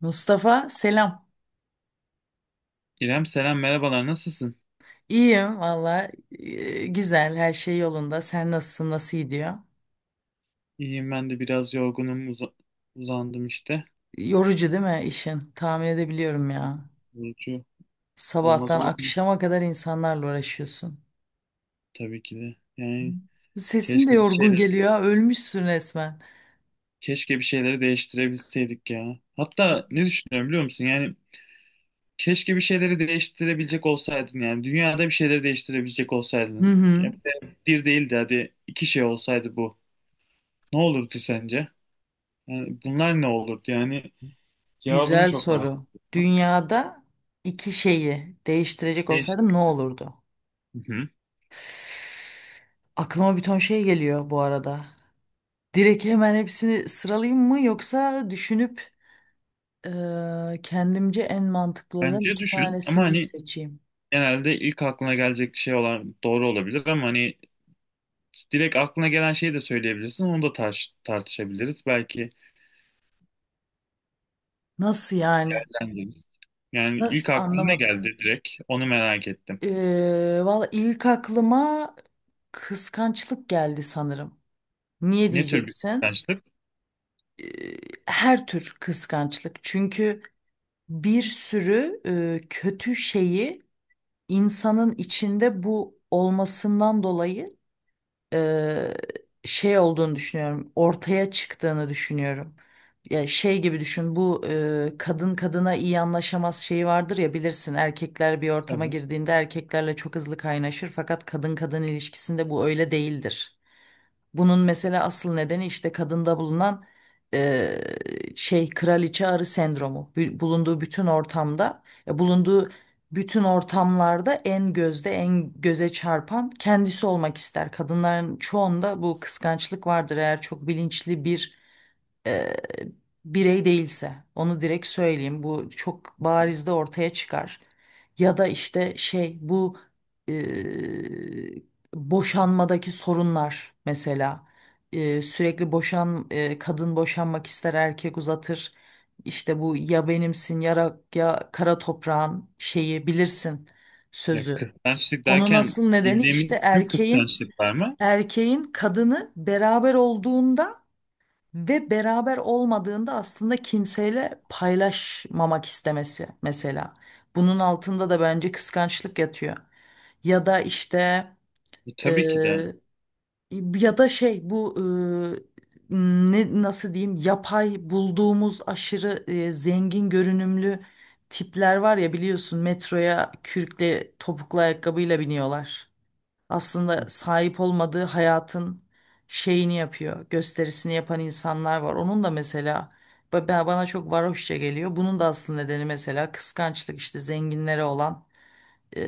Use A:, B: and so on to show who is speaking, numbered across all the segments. A: Mustafa selam.
B: İrem selam merhabalar nasılsın?
A: İyiyim valla. Güzel, her şey yolunda. Sen nasılsın? Nasıl gidiyor?
B: İyiyim ben de biraz yorgunum uzandım işte.
A: Yorucu değil mi işin? Tahmin edebiliyorum ya.
B: Yorucu olmaz
A: Sabahtan
B: olur mu?
A: akşama kadar insanlarla uğraşıyorsun.
B: Tabii ki de. Yani
A: Sesin de
B: keşke bir
A: yorgun
B: şeyleri
A: geliyor. Ha, Ölmüşsün resmen.
B: keşke bir şeyleri değiştirebilseydik ya. Hatta ne düşünüyorum biliyor musun? Yani keşke bir şeyleri değiştirebilecek olsaydın yani dünyada bir şeyleri değiştirebilecek
A: Hı
B: olsaydın.
A: hı.
B: Yani bir de bir değil de hadi iki şey olsaydı bu. Ne olurdu sence? Yani bunlar ne olurdu? Yani cevabını
A: Güzel
B: çok merak
A: soru.
B: ediyorum.
A: Dünyada iki şeyi değiştirecek
B: Değiş-
A: olsaydım ne olurdu?
B: Hı hı.
A: Aklıma bir ton şey geliyor bu arada. Direkt hemen hepsini sıralayayım mı, yoksa düşünüp kendimce en mantıklı olan
B: Bence
A: iki
B: düşün ama
A: tanesini mi
B: hani
A: seçeyim?
B: genelde ilk aklına gelecek şey olan doğru olabilir ama hani direkt aklına gelen şeyi de söyleyebilirsin. Onu da tartışabiliriz. Belki
A: Nasıl yani?
B: eğleniriz. Yani ilk
A: Nasıl,
B: aklına ne
A: anlamadım.
B: geldi direkt? Onu merak ettim.
A: Valla ilk aklıma kıskançlık geldi sanırım. Niye
B: Ne tür bir
A: diyeceksin?
B: kıskançlık?
A: Eee, her tür kıskançlık. Çünkü bir sürü kötü şeyi insanın içinde bu olmasından dolayı e, şey olduğunu düşünüyorum. Ortaya çıktığını düşünüyorum. Ya şey gibi düşün bu kadın kadına iyi anlaşamaz şeyi vardır ya, bilirsin, erkekler bir ortama
B: Tabii.
A: girdiğinde erkeklerle çok hızlı kaynaşır, fakat kadın kadın ilişkisinde bu öyle değildir. Bunun mesela asıl nedeni işte kadında bulunan e, şey kraliçe arı sendromu. Bulunduğu bütün ortamda, bulunduğu bütün ortamlarda en gözde, en göze çarpan kendisi olmak ister. Kadınların çoğunda bu kıskançlık vardır. Eğer çok bilinçli bir birey değilse, onu direkt söyleyeyim, bu çok barizde ortaya çıkar. Ya da işte şey, bu eee, boşanmadaki sorunlar mesela. Sürekli boşan Kadın boşanmak ister, erkek uzatır. İşte bu "ya benimsin, ya, ya kara toprağın" şeyi, bilirsin,
B: Ya
A: sözü,
B: kıskançlık
A: onun
B: derken
A: asıl nedeni işte
B: bildiğimiz tüm
A: erkeğin
B: kıskançlıklar mı?
A: erkeğin kadını beraber olduğunda ve beraber olmadığında aslında kimseyle paylaşmamak istemesi mesela. Bunun altında da bence kıskançlık yatıyor. Ya da işte
B: Tabii ki de.
A: e, ya da şey, bu e, ne, nasıl diyeyim, yapay bulduğumuz aşırı zengin görünümlü tipler var ya, biliyorsun, metroya kürkle topuklu ayakkabıyla biniyorlar, aslında sahip olmadığı hayatın şeyini yapıyor, gösterisini yapan insanlar var. Onun da mesela bana çok varoşça geliyor. Bunun da asıl nedeni mesela kıskançlık, işte zenginlere olan e,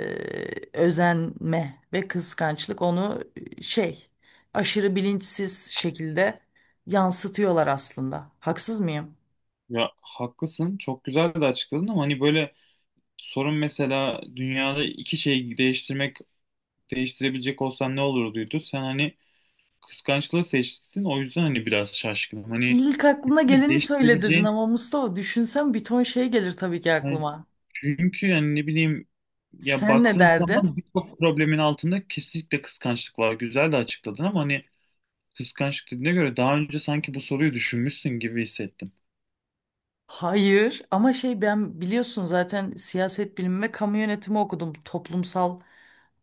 A: özenme ve kıskançlık onu e, şey aşırı bilinçsiz şekilde yansıtıyorlar aslında. Haksız mıyım?
B: Ya haklısın. Çok güzel de açıkladın ama hani böyle sorun mesela dünyada iki şeyi değiştirmek değiştirebilecek olsan ne olurduydu? Sen hani kıskançlığı seçtin. O yüzden hani biraz şaşkınım. Hani
A: İlk aklına geleni söyle dedin
B: değiştirebileceğin
A: ama Mustafa, düşünsem bir ton şey gelir tabii ki
B: hani
A: aklıma.
B: çünkü yani ne bileyim, ya
A: Sen ne
B: baktığın
A: derdin?
B: zaman birçok problemin altında kesinlikle kıskançlık var. Güzel de açıkladın ama hani kıskançlık dediğine göre daha önce sanki bu soruyu düşünmüşsün gibi hissettim.
A: Hayır ama şey, ben biliyorsun zaten siyaset bilimi ve kamu yönetimi okudum. Toplumsal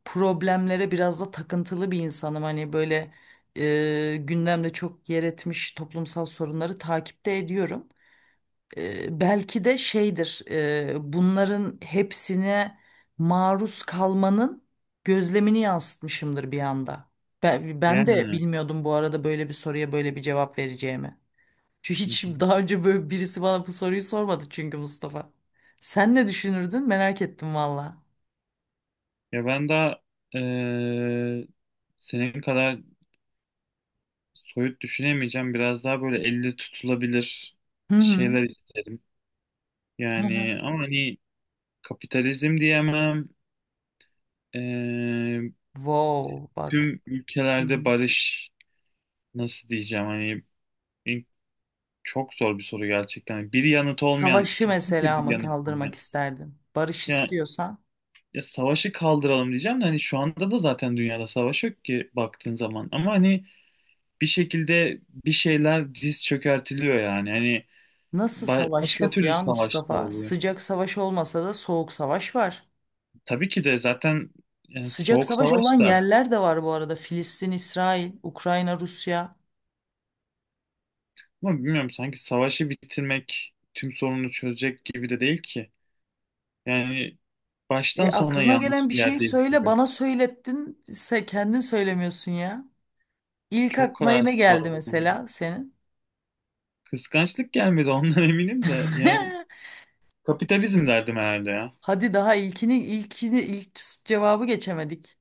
A: problemlere biraz da takıntılı bir insanım. Hani böyle gündemde çok yer etmiş toplumsal sorunları takipte ediyorum. Belki de şeydir, bunların hepsine maruz kalmanın gözlemini yansıtmışımdır bir anda. Ben de
B: Yani
A: bilmiyordum bu arada böyle bir soruya böyle bir cevap vereceğimi. Şu
B: hı
A: hiç
B: hı,
A: daha önce böyle birisi bana bu soruyu sormadı çünkü Mustafa. Sen ne düşünürdün? Merak ettim valla.
B: ya ben daha eee, senin kadar soyut düşünemeyeceğim. Biraz daha böyle elle tutulabilir
A: Hı hı.
B: şeyler isterim.
A: Hı hı.
B: Yani ama hani kapitalizm diyemem. Eee,
A: Wow, bak.
B: tüm
A: Hı
B: ülkelerde
A: hı.
B: barış, nasıl diyeceğim, hani in- çok zor bir soru gerçekten. Hani bir yanıt olmayan,
A: Savaşı
B: kesinlikle
A: mesela
B: bir
A: mı
B: yanıt olmayan.
A: kaldırmak isterdin? Barış
B: Ya,
A: istiyorsan.
B: ya, savaşı kaldıralım diyeceğim de hani şu anda da zaten dünyada savaş yok ki baktığın zaman. Ama hani bir şekilde bir şeyler diz çökertiliyor yani. Hani
A: Nasıl savaş
B: başka
A: yok
B: türlü
A: ya
B: savaşlar
A: Mustafa?
B: oluyor.
A: Sıcak savaş olmasa da soğuk savaş var.
B: Tabii ki de zaten
A: Sıcak
B: soğuk
A: savaş
B: savaş
A: olan
B: da,
A: yerler de var bu arada. Filistin, İsrail, Ukrayna, Rusya.
B: ama bilmiyorum, sanki savaşı bitirmek tüm sorunu çözecek gibi de değil ki. Yani baştan
A: E,
B: sona
A: aklına
B: yanlış
A: gelen bir
B: bir
A: şeyi
B: yerdeyiz
A: söyle,
B: gibi.
A: bana söylettin. Sen kendin söylemiyorsun ya. İlk
B: Çok
A: aklına ne
B: kararsız
A: geldi
B: kaldık. Yani
A: mesela senin?
B: kıskançlık gelmedi ondan eminim de. Yani kapitalizm derdim herhalde ya.
A: Hadi, daha ilkini ilk cevabı geçemedik.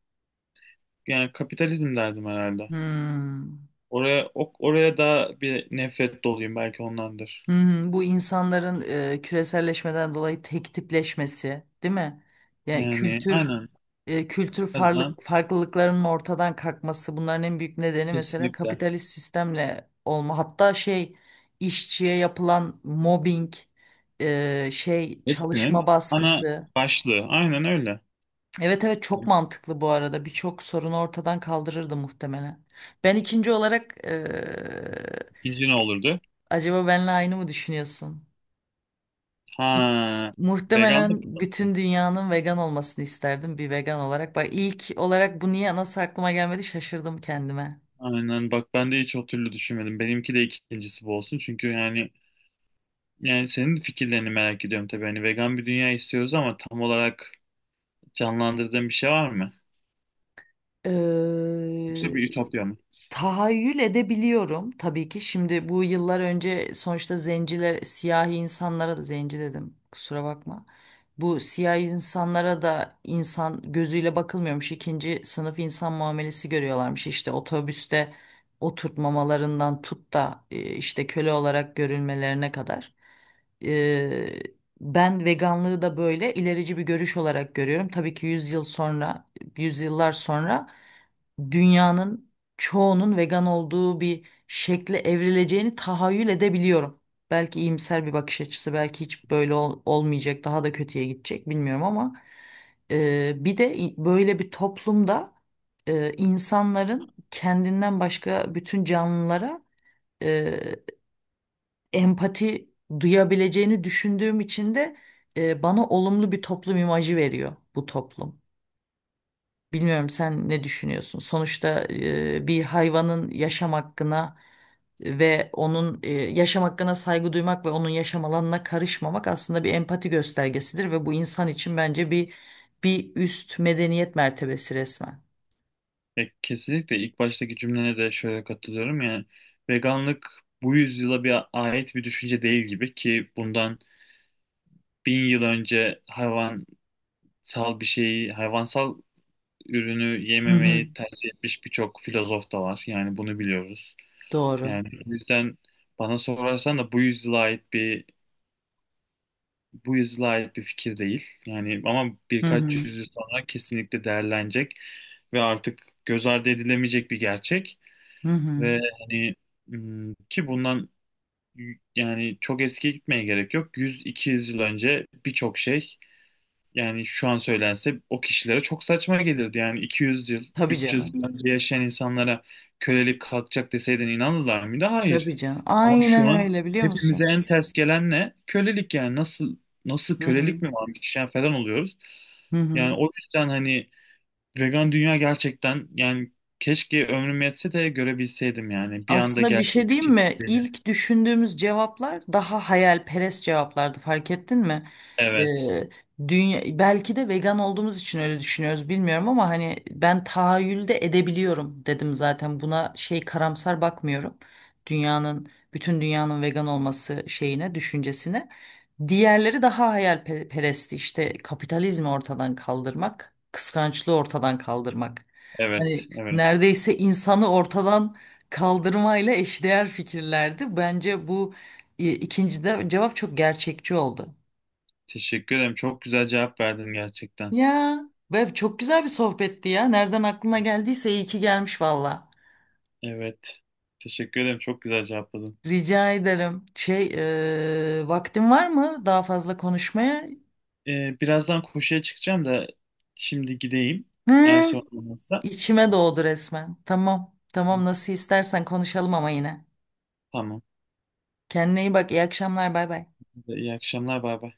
B: Yani kapitalizm derdim herhalde.
A: Hmm.
B: Oraya da bir nefret doluyum, belki ondandır.
A: Hmm, bu insanların küreselleşmeden dolayı tek tipleşmesi, değil mi? Yani
B: Yani
A: kültür
B: aynen.
A: e, kültür
B: Kazan,
A: farlılık, farklılıklarının ortadan kalkması bunların en büyük nedeni mesela
B: kesinlikle.
A: kapitalist sistemle olma. Hatta şey, işçiye yapılan mobbing,
B: Hepsinin
A: çalışma
B: ana
A: baskısı.
B: başlığı. Aynen öyle.
A: Evet evet, çok mantıklı bu arada. Birçok sorunu ortadan kaldırırdı muhtemelen. Ben ikinci olarak
B: İkinci ne olurdu?
A: acaba benle aynı mı düşünüyorsun? Bi-
B: Ha,
A: Muhtemelen
B: veganlık mı?
A: bütün dünyanın vegan olmasını isterdim, bir vegan olarak. Bak, ilk olarak bu niye, nasıl aklıma gelmedi, şaşırdım kendime.
B: Aynen bak, ben de hiç o türlü düşünmedim. Benimki de ikincisi bu olsun. Çünkü yani senin fikirlerini merak ediyorum tabii. Hani vegan bir dünya istiyoruz ama tam olarak canlandırdığın bir şey var mı? Yoksa
A: Eee,
B: bir ütopya mı?
A: Tahayyül edebiliyorum tabii ki. Şimdi bu yıllar önce sonuçta zenciler, siyahi insanlara da zenci dedim, kusura bakma. Bu siyahi insanlara da insan gözüyle bakılmıyormuş. İkinci sınıf insan muamelesi görüyorlarmış. İşte otobüste oturtmamalarından tut da işte köle olarak görülmelerine kadar. E, Ben veganlığı da böyle ilerici bir görüş olarak görüyorum. Tabii ki 100 yıl sonra, yüzyıllar sonra dünyanın çoğunun vegan olduğu bir şekle evrileceğini tahayyül edebiliyorum. Belki iyimser bir bakış açısı, belki hiç böyle olmayacak, daha da kötüye gidecek, bilmiyorum, ama böyle bir toplumda insanların kendinden başka bütün canlılara e, empati duyabileceğini düşündüğüm için de bana olumlu bir toplum imajı veriyor bu toplum. Bilmiyorum sen ne düşünüyorsun? Sonuçta bir hayvanın yaşam hakkına ve onun yaşam hakkına saygı duymak ve onun yaşam alanına karışmamak aslında bir empati göstergesidir ve bu insan için bence bir üst medeniyet mertebesi resmen.
B: Kesinlikle ilk baştaki cümlene de şöyle katılıyorum. Yani veganlık bu yüzyıla bir ait bir düşünce değil gibi, ki bundan 1000 yıl önce hayvansal bir şeyi, hayvansal ürünü
A: Hı hı.
B: yememeyi tercih etmiş birçok filozof da var. Yani bunu biliyoruz.
A: Doğru.
B: Yani o yüzden bana sorarsan da bu yüzyıla ait bir fikir değil. Yani ama
A: Hı hı.
B: birkaç yüzyıl sonra kesinlikle değerlenecek ve artık göz ardı edilemeyecek bir gerçek.
A: Hı hı.
B: Ve hani ki bundan, yani çok eskiye gitmeye gerek yok. 100-200 yıl önce birçok şey, yani şu an söylense o kişilere çok saçma gelirdi. Yani 200 yıl,
A: Tabii
B: 300
A: canım.
B: yıl önce yaşayan insanlara kölelik kalkacak deseydin, inanırlar mıydı? Hayır.
A: Tabii canım.
B: Ama şu
A: Aynen
B: an
A: öyle, biliyor
B: hepimize
A: musun?
B: en ters gelen ne? Kölelik. Yani nasıl
A: Hı hı.
B: kölelik mi varmış yani falan oluyoruz.
A: Hı
B: Yani
A: hı.
B: o yüzden hani vegan dünya gerçekten, yani keşke ömrüm yetse de görebilseydim, yani bir anda
A: Aslında bir şey diyeyim mi?
B: gerçekleşebilseydi.
A: İlk düşündüğümüz cevaplar daha hayalperest cevaplardı, fark ettin mi?
B: Evet,
A: Ee, Dünya, belki de vegan olduğumuz için öyle düşünüyoruz, bilmiyorum, ama hani ben tahayyülde edebiliyorum dedim zaten, buna şey, karamsar bakmıyorum. Dünyanın Bütün dünyanın vegan olması şeyine, düşüncesine. Diğerleri daha hayalperestti, işte kapitalizmi ortadan kaldırmak, kıskançlığı ortadan kaldırmak.
B: evet,
A: Hani
B: evet.
A: neredeyse insanı ortadan kaldırmayla eşdeğer fikirlerdi. Bence bu ikinci de cevap çok gerçekçi oldu.
B: Teşekkür ederim. Çok güzel cevap verdin gerçekten.
A: Ya, ve çok güzel bir sohbetti ya. Nereden aklına geldiyse iyi ki gelmiş valla.
B: Evet. Teşekkür ederim. Çok güzel cevapladın.
A: Rica ederim. Şey, vaktin var mı daha fazla konuşmaya?
B: Birazdan koşuya çıkacağım da şimdi gideyim. Eğer
A: Hı,
B: sorun olmazsa.
A: içime doğdu resmen. Tamam. Tamam, nasıl istersen konuşalım ama yine.
B: Tamam.
A: Kendine iyi bak. İyi akşamlar. Bay bay.
B: İyi akşamlar. Bay bay.